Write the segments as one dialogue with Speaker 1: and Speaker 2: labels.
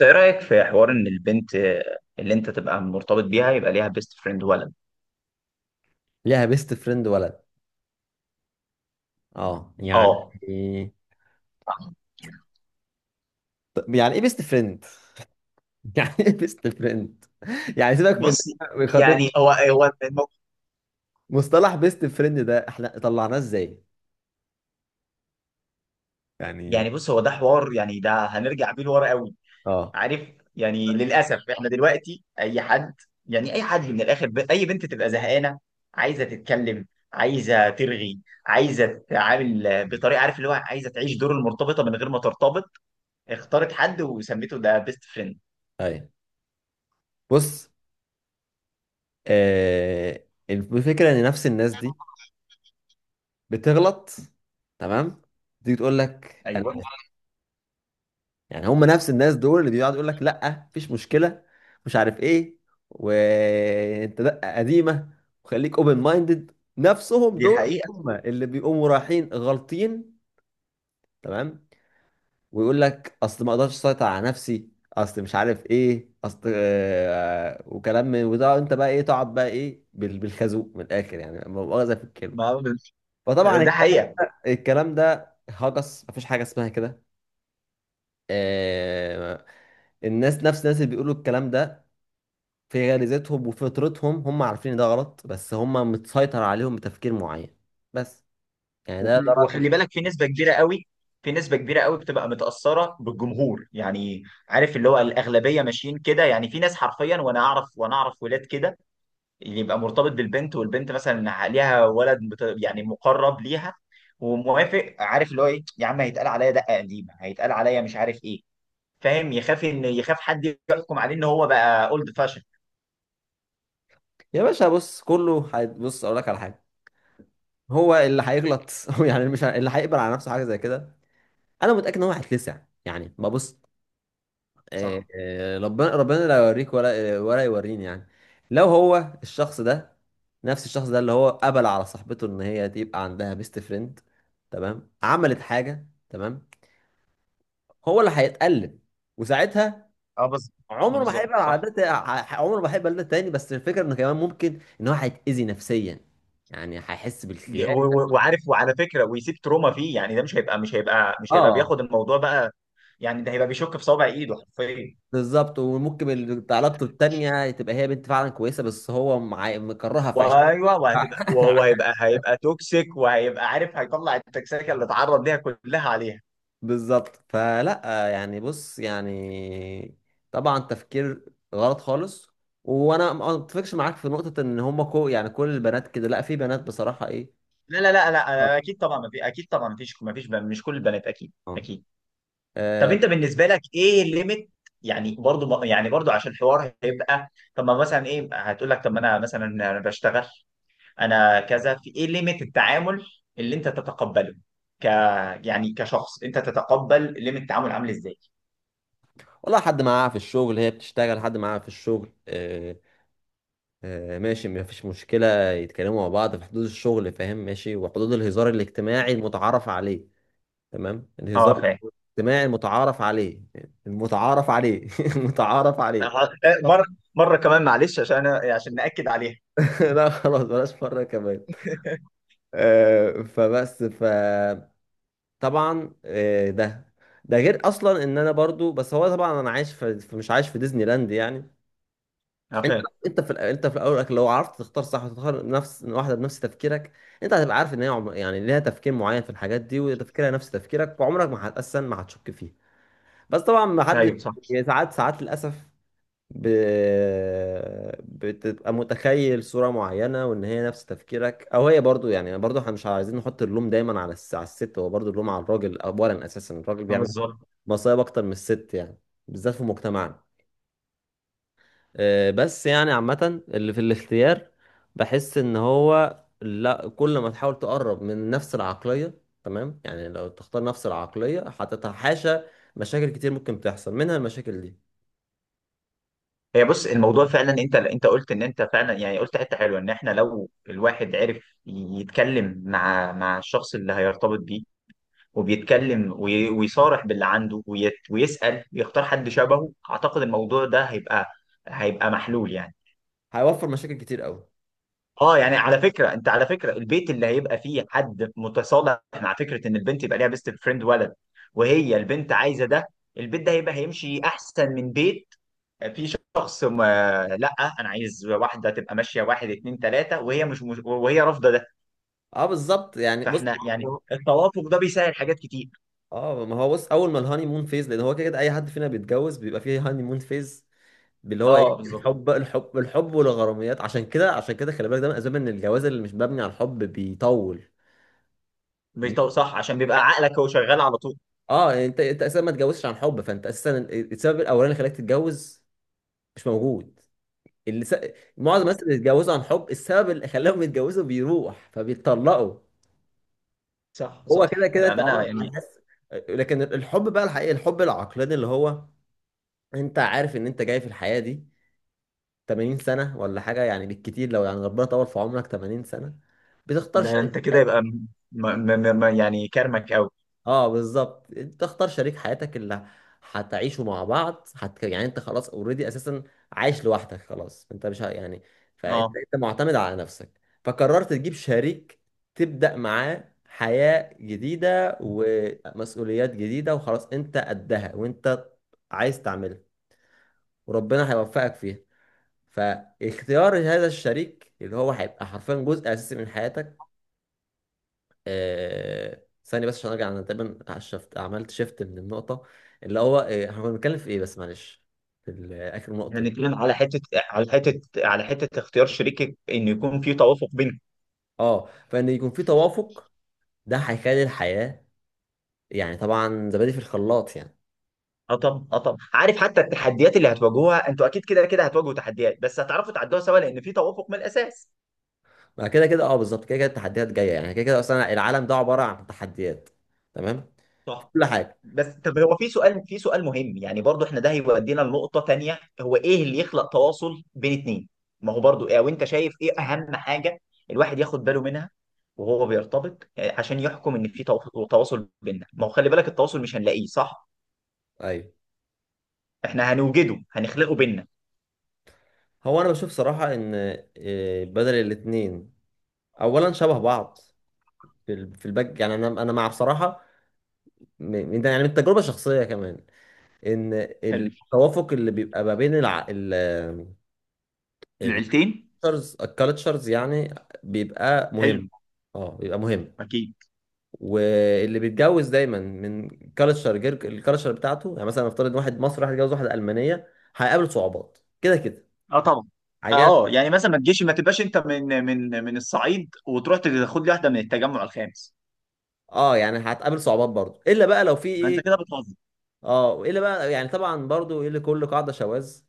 Speaker 1: ايه رأيك في حوار ان البنت اللي انت تبقى مرتبط بيها يبقى ليها بيست فريند ولد.
Speaker 2: ليها بيست فريند ولد؟ اه يعني
Speaker 1: اه.
Speaker 2: طب يعني ايه بيست فريند؟ يعني ايه بيست فريند؟ سيبك من
Speaker 1: بص
Speaker 2: خاطر
Speaker 1: يعني
Speaker 2: مصطلح بيست فريند ده احنا طلعناه ازاي؟ يعني
Speaker 1: يعني بص هو ده حوار، يعني ده هنرجع بيه لورا قوي،
Speaker 2: اه
Speaker 1: عارف؟ يعني للاسف احنا دلوقتي اي حد، يعني اي حد من الاخر اي بنت تبقى زهقانه، عايزه تتكلم، عايزه ترغي، عايزه تتعامل بطريقه، عارف اللي هو عايزه تعيش دور المرتبطه من غير ما ترتبط، اختارت حد وسميته ده بيست فريند.
Speaker 2: ايوه، بص، آه، الفكره ان نفس الناس دي بتغلط، تمام، تيجي تقول لك انا،
Speaker 1: ايوه،
Speaker 2: هم نفس الناس دول اللي بيقعدوا يقول لك لا مفيش مشكله، مش عارف ايه، وانت دقه قديمه، وخليك اوبن مايندد. نفسهم
Speaker 1: دي
Speaker 2: دول
Speaker 1: الحقيقه.
Speaker 2: هم اللي بيقوموا رايحين غلطين، تمام، ويقول لك اصل ما اقدرش اسيطر على نفسي، اصل مش عارف ايه، اصل آه، وكلام من وده. انت بقى ايه؟ تقعد بقى ايه بالخازوق من الاخر، لا مؤاخذه في الكلمه.
Speaker 1: ما
Speaker 2: فطبعا
Speaker 1: ده حقيقه.
Speaker 2: الكلام ده هجس، مفيش حاجه اسمها كده. آه، الناس، نفس الناس اللي بيقولوا الكلام ده، في غريزتهم وفطرتهم هم عارفين إن ده غلط، بس هم متسيطر عليهم بتفكير معين. بس ده
Speaker 1: وخلي
Speaker 2: رأيي.
Speaker 1: وخلي بالك في نسبة كبيرة قوي، في نسبة كبيرة قوي بتبقى متأثرة بالجمهور يعني، عارف اللي هو الأغلبية ماشيين كده. يعني في ناس حرفيا، وأنا أعرف، وأنا أعرف ولاد كده، اللي يبقى مرتبط بالبنت والبنت مثلا ليها ولد يعني مقرب ليها وموافق، عارف اللي هو إيه يا عم، هيتقال عليا دقة قديمة، هيتقال عليا مش عارف إيه، فاهم؟ يخاف، إن يخاف حد يحكم عليه إن هو بقى أولد فاشن.
Speaker 2: يا باشا بص، بص اقول لك على حاجه، هو اللي هيغلط هو يعني مش ه- اللي هيقبل على نفسه حاجه زي كده، انا متاكد ان هو هيتلسع. يعني ما بص، آه،
Speaker 1: صح.
Speaker 2: آه، ربنا ربنا لا يوريك ولا آه، ولا يوريني، يعني لو هو الشخص ده، نفس الشخص ده اللي هو قبل على صاحبته ان هي تبقى عندها بيست فريند، تمام، عملت حاجه، تمام، هو اللي هيتألم، وساعتها
Speaker 1: اه بالظبط. آه
Speaker 2: عمره ما
Speaker 1: بالظبط
Speaker 2: هيبقى
Speaker 1: صح.
Speaker 2: العادات، عمره ما هيبقى ده تاني، بس الفكره انه كمان ممكن ان هو هيتاذي نفسيا، يعني هيحس بالخيانه.
Speaker 1: وعارف، وعلى فكره، ويسيب تروما فيه، يعني ده مش هيبقى
Speaker 2: اه
Speaker 1: بياخد الموضوع بقى، يعني ده هيبقى بيشك في صابع ايده حرفيا.
Speaker 2: بالظبط. وممكن بتاع لابته التانيه تبقى هي بنت فعلا كويسه، بس هو معي مكرهها في عش...
Speaker 1: وايوه وهتبقى، وهو هيبقى توكسيك، وهيبقى عارف هيطلع التكسيكه اللي اتعرض ليها كلها عليها.
Speaker 2: بالظبط. فلا، يعني بص يعني طبعا تفكير غلط خالص. وانا ما اتفقش معاك في نقطه ان هم كو يعني كل البنات كده، لا، في بنات بصراحه ايه.
Speaker 1: لا لا لا لا، أنا اكيد طبعا ما في، اكيد طبعا ما فيش مش كل البنات، اكيد
Speaker 2: آه.
Speaker 1: اكيد. طب
Speaker 2: آه،
Speaker 1: انت بالنسبه لك ايه الليميت، يعني برضو عشان الحوار هيبقى، طب ما مثلا ايه هتقول لك، طب ما انا مثلا انا بشتغل، انا كذا، في ايه ليميت التعامل اللي انت تتقبله، ك يعني كشخص، انت تتقبل ليميت التعامل عامل ازاي؟
Speaker 2: والله حد معاها في الشغل، هي بتشتغل حد معاها في الشغل، آه، آه، ماشي مفيش مشكلة، يتكلموا مع بعض في حدود الشغل، فاهم، ماشي، وحدود الهزار الاجتماعي المتعارف عليه، تمام، الهزار
Speaker 1: اه فاهم.
Speaker 2: الاجتماعي المتعارف عليه، المتعارف عليه المتعارف عليه.
Speaker 1: آه، مره، مره كمان معلش عشان انا عشان ناكد عليها.
Speaker 2: لا خلاص بلاش مرة كمان. آه، فطبعا ده ده غير اصلا ان انا برضو، بس هو طبعا انا عايش في مش عايش في ديزني لاند يعني.
Speaker 1: اه
Speaker 2: انت
Speaker 1: فاهم.
Speaker 2: انت في انت في الاول والآخر لو عرفت تختار صح، وتختار نفس واحده بنفس تفكيرك، انت هتبقى عارف ان هي عم... يعني ليها تفكير معين في الحاجات دي وتفكيرها نفس تفكيرك، وعمرك ما هتأسن، ما هتشك فيها. بس طبعا ما حد،
Speaker 1: ايوه صح.
Speaker 2: يعني ساعات للاسف ب... بتبقى متخيل صوره معينه وان هي نفس تفكيرك، او هي برضو، يعني برضو احنا مش عايزين نحط اللوم دايما على على الست، هو برضو اللوم على الراجل اولا، اساسا الراجل
Speaker 1: آه،
Speaker 2: بيعمل
Speaker 1: بالظبط.
Speaker 2: مصايب اكتر من الست يعني، بالذات في مجتمعنا. آه، بس يعني عامة اللي في الاختيار بحس ان هو لا، كل ما تحاول تقرب من نفس العقلية، تمام، يعني لو تختار نفس العقلية هتتحاشى مشاكل كتير ممكن تحصل منها المشاكل دي،
Speaker 1: هي بص الموضوع فعلا، انت انت قلت ان انت فعلا، يعني قلت حته حلوه، ان احنا لو الواحد عرف يتكلم مع مع الشخص اللي هيرتبط بيه وبيتكلم ويصارح باللي عنده ويسأل ويختار حد شبهه، اعتقد الموضوع ده هيبقى، هيبقى محلول يعني.
Speaker 2: هيوفر مشاكل كتير قوي.
Speaker 1: اه يعني على فكره، انت على فكره البيت اللي هيبقى فيه حد متصالح مع فكره ان البنت يبقى ليها بيست فريند ولد وهي البنت عايزه ده، البيت ده هيبقى، هيمشي احسن من بيت فيه شخص ما، لا انا عايز واحده تبقى ماشيه واحد اتنين تلاته وهي وهي رافضه ده.
Speaker 2: اه بالظبط. يعني بص
Speaker 1: فاحنا يعني التوافق ده بيسهل حاجات كتير.
Speaker 2: اه ما هو بص، اول ما الهاني مون فيز، لان هو كده كده اي حد فينا بيتجوز بيبقى فيه هاني مون فيز، اللي هو
Speaker 1: اه
Speaker 2: ايه،
Speaker 1: بالظبط.
Speaker 2: الحب الحب والغراميات، عشان كده عشان كده خلي بالك ده من اسباب ان الجواز اللي مش مبني على الحب بيطول.
Speaker 1: صح، عشان بيبقى عقلك هو شغال على طول.
Speaker 2: اه يعني انت اساسا ما تتجوزش عن حب، فانت اساسا السبب الاولاني اللي خلاك تتجوز مش موجود. اللي س... معظم
Speaker 1: صح،
Speaker 2: الناس اللي بيتجوزوا عن حب، السبب اللي خلاهم يتجوزوا بيروح فبيتطلقوا.
Speaker 1: صح
Speaker 2: هو كده
Speaker 1: صح
Speaker 2: كده انت
Speaker 1: بامانه
Speaker 2: عمرك ما
Speaker 1: يعني.
Speaker 2: هتحس، لكن الحب بقى الحقيقي، الحب العقلاني، اللي هو انت عارف ان انت جاي في الحياة دي 80 سنة ولا حاجة يعني، بالكتير لو يعني ربنا طول في عمرك 80 سنة، بتختار
Speaker 1: ده
Speaker 2: شريك.
Speaker 1: انت كده يبقى م... يعني كرمك قوي.
Speaker 2: اه بالظبط، انت اختار شريك حياتك اللي هتعيشوا مع بعض، هت... يعني انت خلاص اوريدي اساسا عايش لوحدك، خلاص انت مش ه- يعني، فانت
Speaker 1: اه.
Speaker 2: انت معتمد على نفسك، فقررت تجيب شريك تبدأ معاه حياة جديدة ومسؤوليات جديدة، وخلاص انت قدها وانت عايز تعملها وربنا هيوفقك فيها. فاختيار هذا الشريك اللي هو هيبقى حرفيا جزء اساسي من حياتك. آه، ثانية بس عشان ارجع، انا تقريبا شفت عملت شيفت من النقطة اللي هو آه، احنا كنا بنتكلم في ايه، بس معلش في اخر النقطة دي.
Speaker 1: هنتكلم على حته، على حته، على حته اختيار شريكك ان يكون في توافق بينكم.
Speaker 2: اه فان يكون في توافق، ده هيخلي الحياة، يعني طبعا زبادي في الخلاط يعني.
Speaker 1: اه طبعا، اه طبعا، عارف حتى التحديات اللي هتواجهوها انتوا اكيد كده كده هتواجهوا تحديات، بس هتعرفوا تعدوها سوا لان في توافق من الاساس.
Speaker 2: ما كده كده اه بالظبط، كده كده التحديات جاية يعني، كده كده اصلا العالم ده عبارة عن تحديات، تمام، في
Speaker 1: صح.
Speaker 2: كل حاجة.
Speaker 1: بس طب هو في سؤال، في سؤال مهم يعني برضو، احنا ده هيودينا لنقطه تانيه، هو ايه اللي يخلق تواصل بين اتنين؟ ما هو برضو ايه، وانت شايف ايه اهم حاجه الواحد ياخد باله منها وهو بيرتبط، آه، عشان يحكم ان في تواصل بيننا؟ ما هو خلي بالك التواصل مش هنلاقيه صح،
Speaker 2: ايوه.
Speaker 1: احنا هنوجده، هنخلقه بينا.
Speaker 2: هو انا بشوف صراحة ان آه، بدل الاتنين اولا شبه بعض في في الباك يعني، انا مع بصراحة من تجربة شخصية كمان، ان
Speaker 1: حلو،
Speaker 2: التوافق اللي بيبقى ما بين الع... ال
Speaker 1: العيلتين.
Speaker 2: الكالتشرز يعني بيبقى مهم.
Speaker 1: حلو.
Speaker 2: اه بيبقى مهم.
Speaker 1: اكيد.
Speaker 2: واللي بيتجوز دايما من كالتشر غير الكالتشر بتاعته، يعني مثلا نفترض واحد مصري هيتجوز واحده المانيه هيقابل صعوبات كده كده
Speaker 1: اه طبعا.
Speaker 2: حاجه.
Speaker 1: اه يعني مثلا ما تجيش ما تبقاش انت من من الصعيد وتروح تاخد لي واحده من التجمع الخامس.
Speaker 2: اه يعني هتقابل صعوبات برضو، الا بقى لو في
Speaker 1: ما انت كده
Speaker 2: ايه.
Speaker 1: بتهزر.
Speaker 2: اه الا بقى يعني طبعا برضو ايه، لكل قاعده شواذ.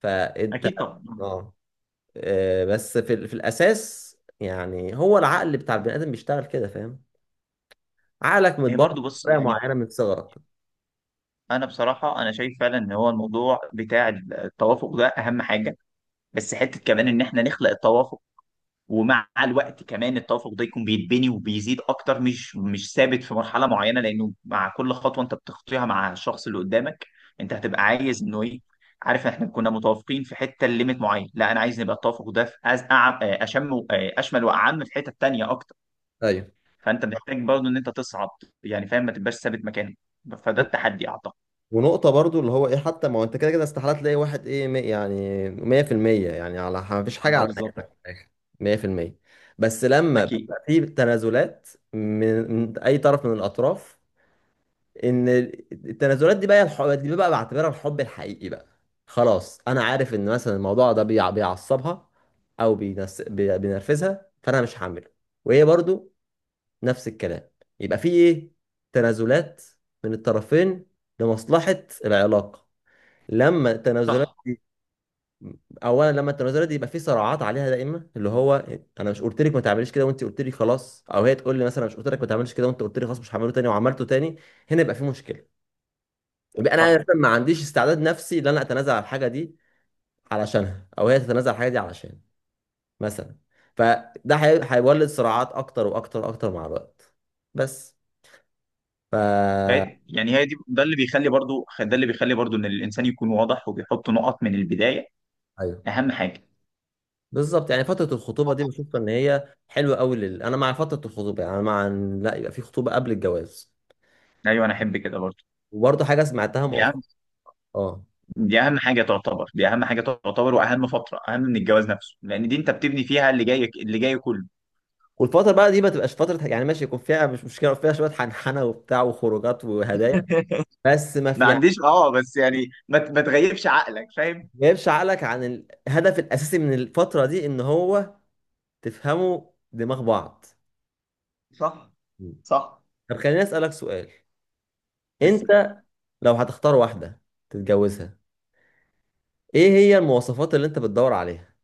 Speaker 2: فانت
Speaker 1: اكيد طبعا.
Speaker 2: اه، آه، بس في في الاساس يعني هو العقل بتاع البني ادم بيشتغل كده، فاهم، عقلك
Speaker 1: هي
Speaker 2: متبرمج
Speaker 1: برضو بص
Speaker 2: بطريقه
Speaker 1: يعني،
Speaker 2: معينه من صغرك.
Speaker 1: انا بصراحه انا شايف فعلا ان هو الموضوع بتاع التوافق ده اهم حاجه، بس حته كمان ان احنا نخلق التوافق، ومع الوقت كمان التوافق ده يكون بيتبني وبيزيد اكتر، مش ثابت في مرحله معينه، لانه مع كل خطوه انت بتخطيها مع الشخص اللي قدامك انت هتبقى عايز انه ايه، عارف احنا كنا متوافقين في حته ليميت معين، لا انا عايز نبقى التوافق ده في أز... أعم... أشم و- اشمل واعم في حته تانيه اكتر.
Speaker 2: ايوه.
Speaker 1: فانت محتاج برضه ان انت تصعد، يعني فاهم، ما تبقاش ثابت مكانك، فده
Speaker 2: و-
Speaker 1: التحدي اعتقد.
Speaker 2: ونقطة برضو اللي هو ايه، حتى ما هو انت كده كده استحالة تلاقي واحد ايه يعني 100% يعني، على ما فيش حاجة
Speaker 1: ده
Speaker 2: على
Speaker 1: بالظبط.
Speaker 2: نهايتك في الآخر 100%، بس لما
Speaker 1: اكيد.
Speaker 2: بيبقى في تنازلات من, من اي طرف من الاطراف، ان التنازلات دي بقى دي بقى بعتبرها الحب الحقيقي بقى. خلاص انا عارف ان مثلا الموضوع ده بيعصبها او بينرفزها، فانا مش هعمله، وهي برضو نفس الكلام، يبقى في ايه تنازلات من الطرفين لمصلحة العلاقة. لما التنازلات
Speaker 1: صح.
Speaker 2: دي، اولا لما التنازلات دي يبقى في صراعات عليها دايما، اللي هو انا مش قلت لك ما تعمليش كده وانت قلت لي خلاص، او هي تقول لي مثلا مش قلت لك ما تعمليش كده وانت قلت لي خلاص مش هعمله تاني وعملته تاني، هنا يبقى في مشكلة. انا
Speaker 1: صح.
Speaker 2: مثلاً ما عنديش استعداد نفسي ان انا اتنازل على الحاجه دي علشانها، او هي تتنازل على الحاجه دي علشان مثلا، فده هيولد صراعات اكتر واكتر واكتر مع الوقت. بس ف
Speaker 1: يعني هي دي، ده اللي بيخلي برضو، ده اللي بيخلي برضو ان الانسان يكون واضح وبيحط نقط من البدايه،
Speaker 2: ايوه.
Speaker 1: اهم حاجه.
Speaker 2: بالظبط يعني فتره الخطوبه دي بشوف ان هي حلوه قوي انا مع فتره الخطوبه، يعني أنا مع ان لا يبقى في خطوبه قبل الجواز.
Speaker 1: ايوه انا احب كده برضه.
Speaker 2: وبرضه حاجه سمعتها
Speaker 1: دي اهم،
Speaker 2: مؤخرا. اه.
Speaker 1: دي اهم حاجه تعتبر، دي اهم حاجه تعتبر واهم فتره، اهم من الجواز نفسه، لان دي انت بتبني فيها اللي جاي، اللي جاي كله.
Speaker 2: والفتره بقى دي ما تبقاش فتره يعني ماشي، يكون فيها مش مشكله فيها شويه حنحنه وبتاع وخروجات وهدايا، بس ما في
Speaker 1: ما عنديش، اه بس يعني ما تغيبش عقلك، فاهم؟
Speaker 2: جايبش عقلك عن الهدف الاساسي من الفتره دي ان هو تفهموا دماغ بعض.
Speaker 1: صح.
Speaker 2: مم.
Speaker 1: صح.
Speaker 2: طب خليني اسالك سؤال،
Speaker 1: بس.
Speaker 2: انت لو هتختار واحده تتجوزها، ايه هي المواصفات اللي انت بتدور عليها؟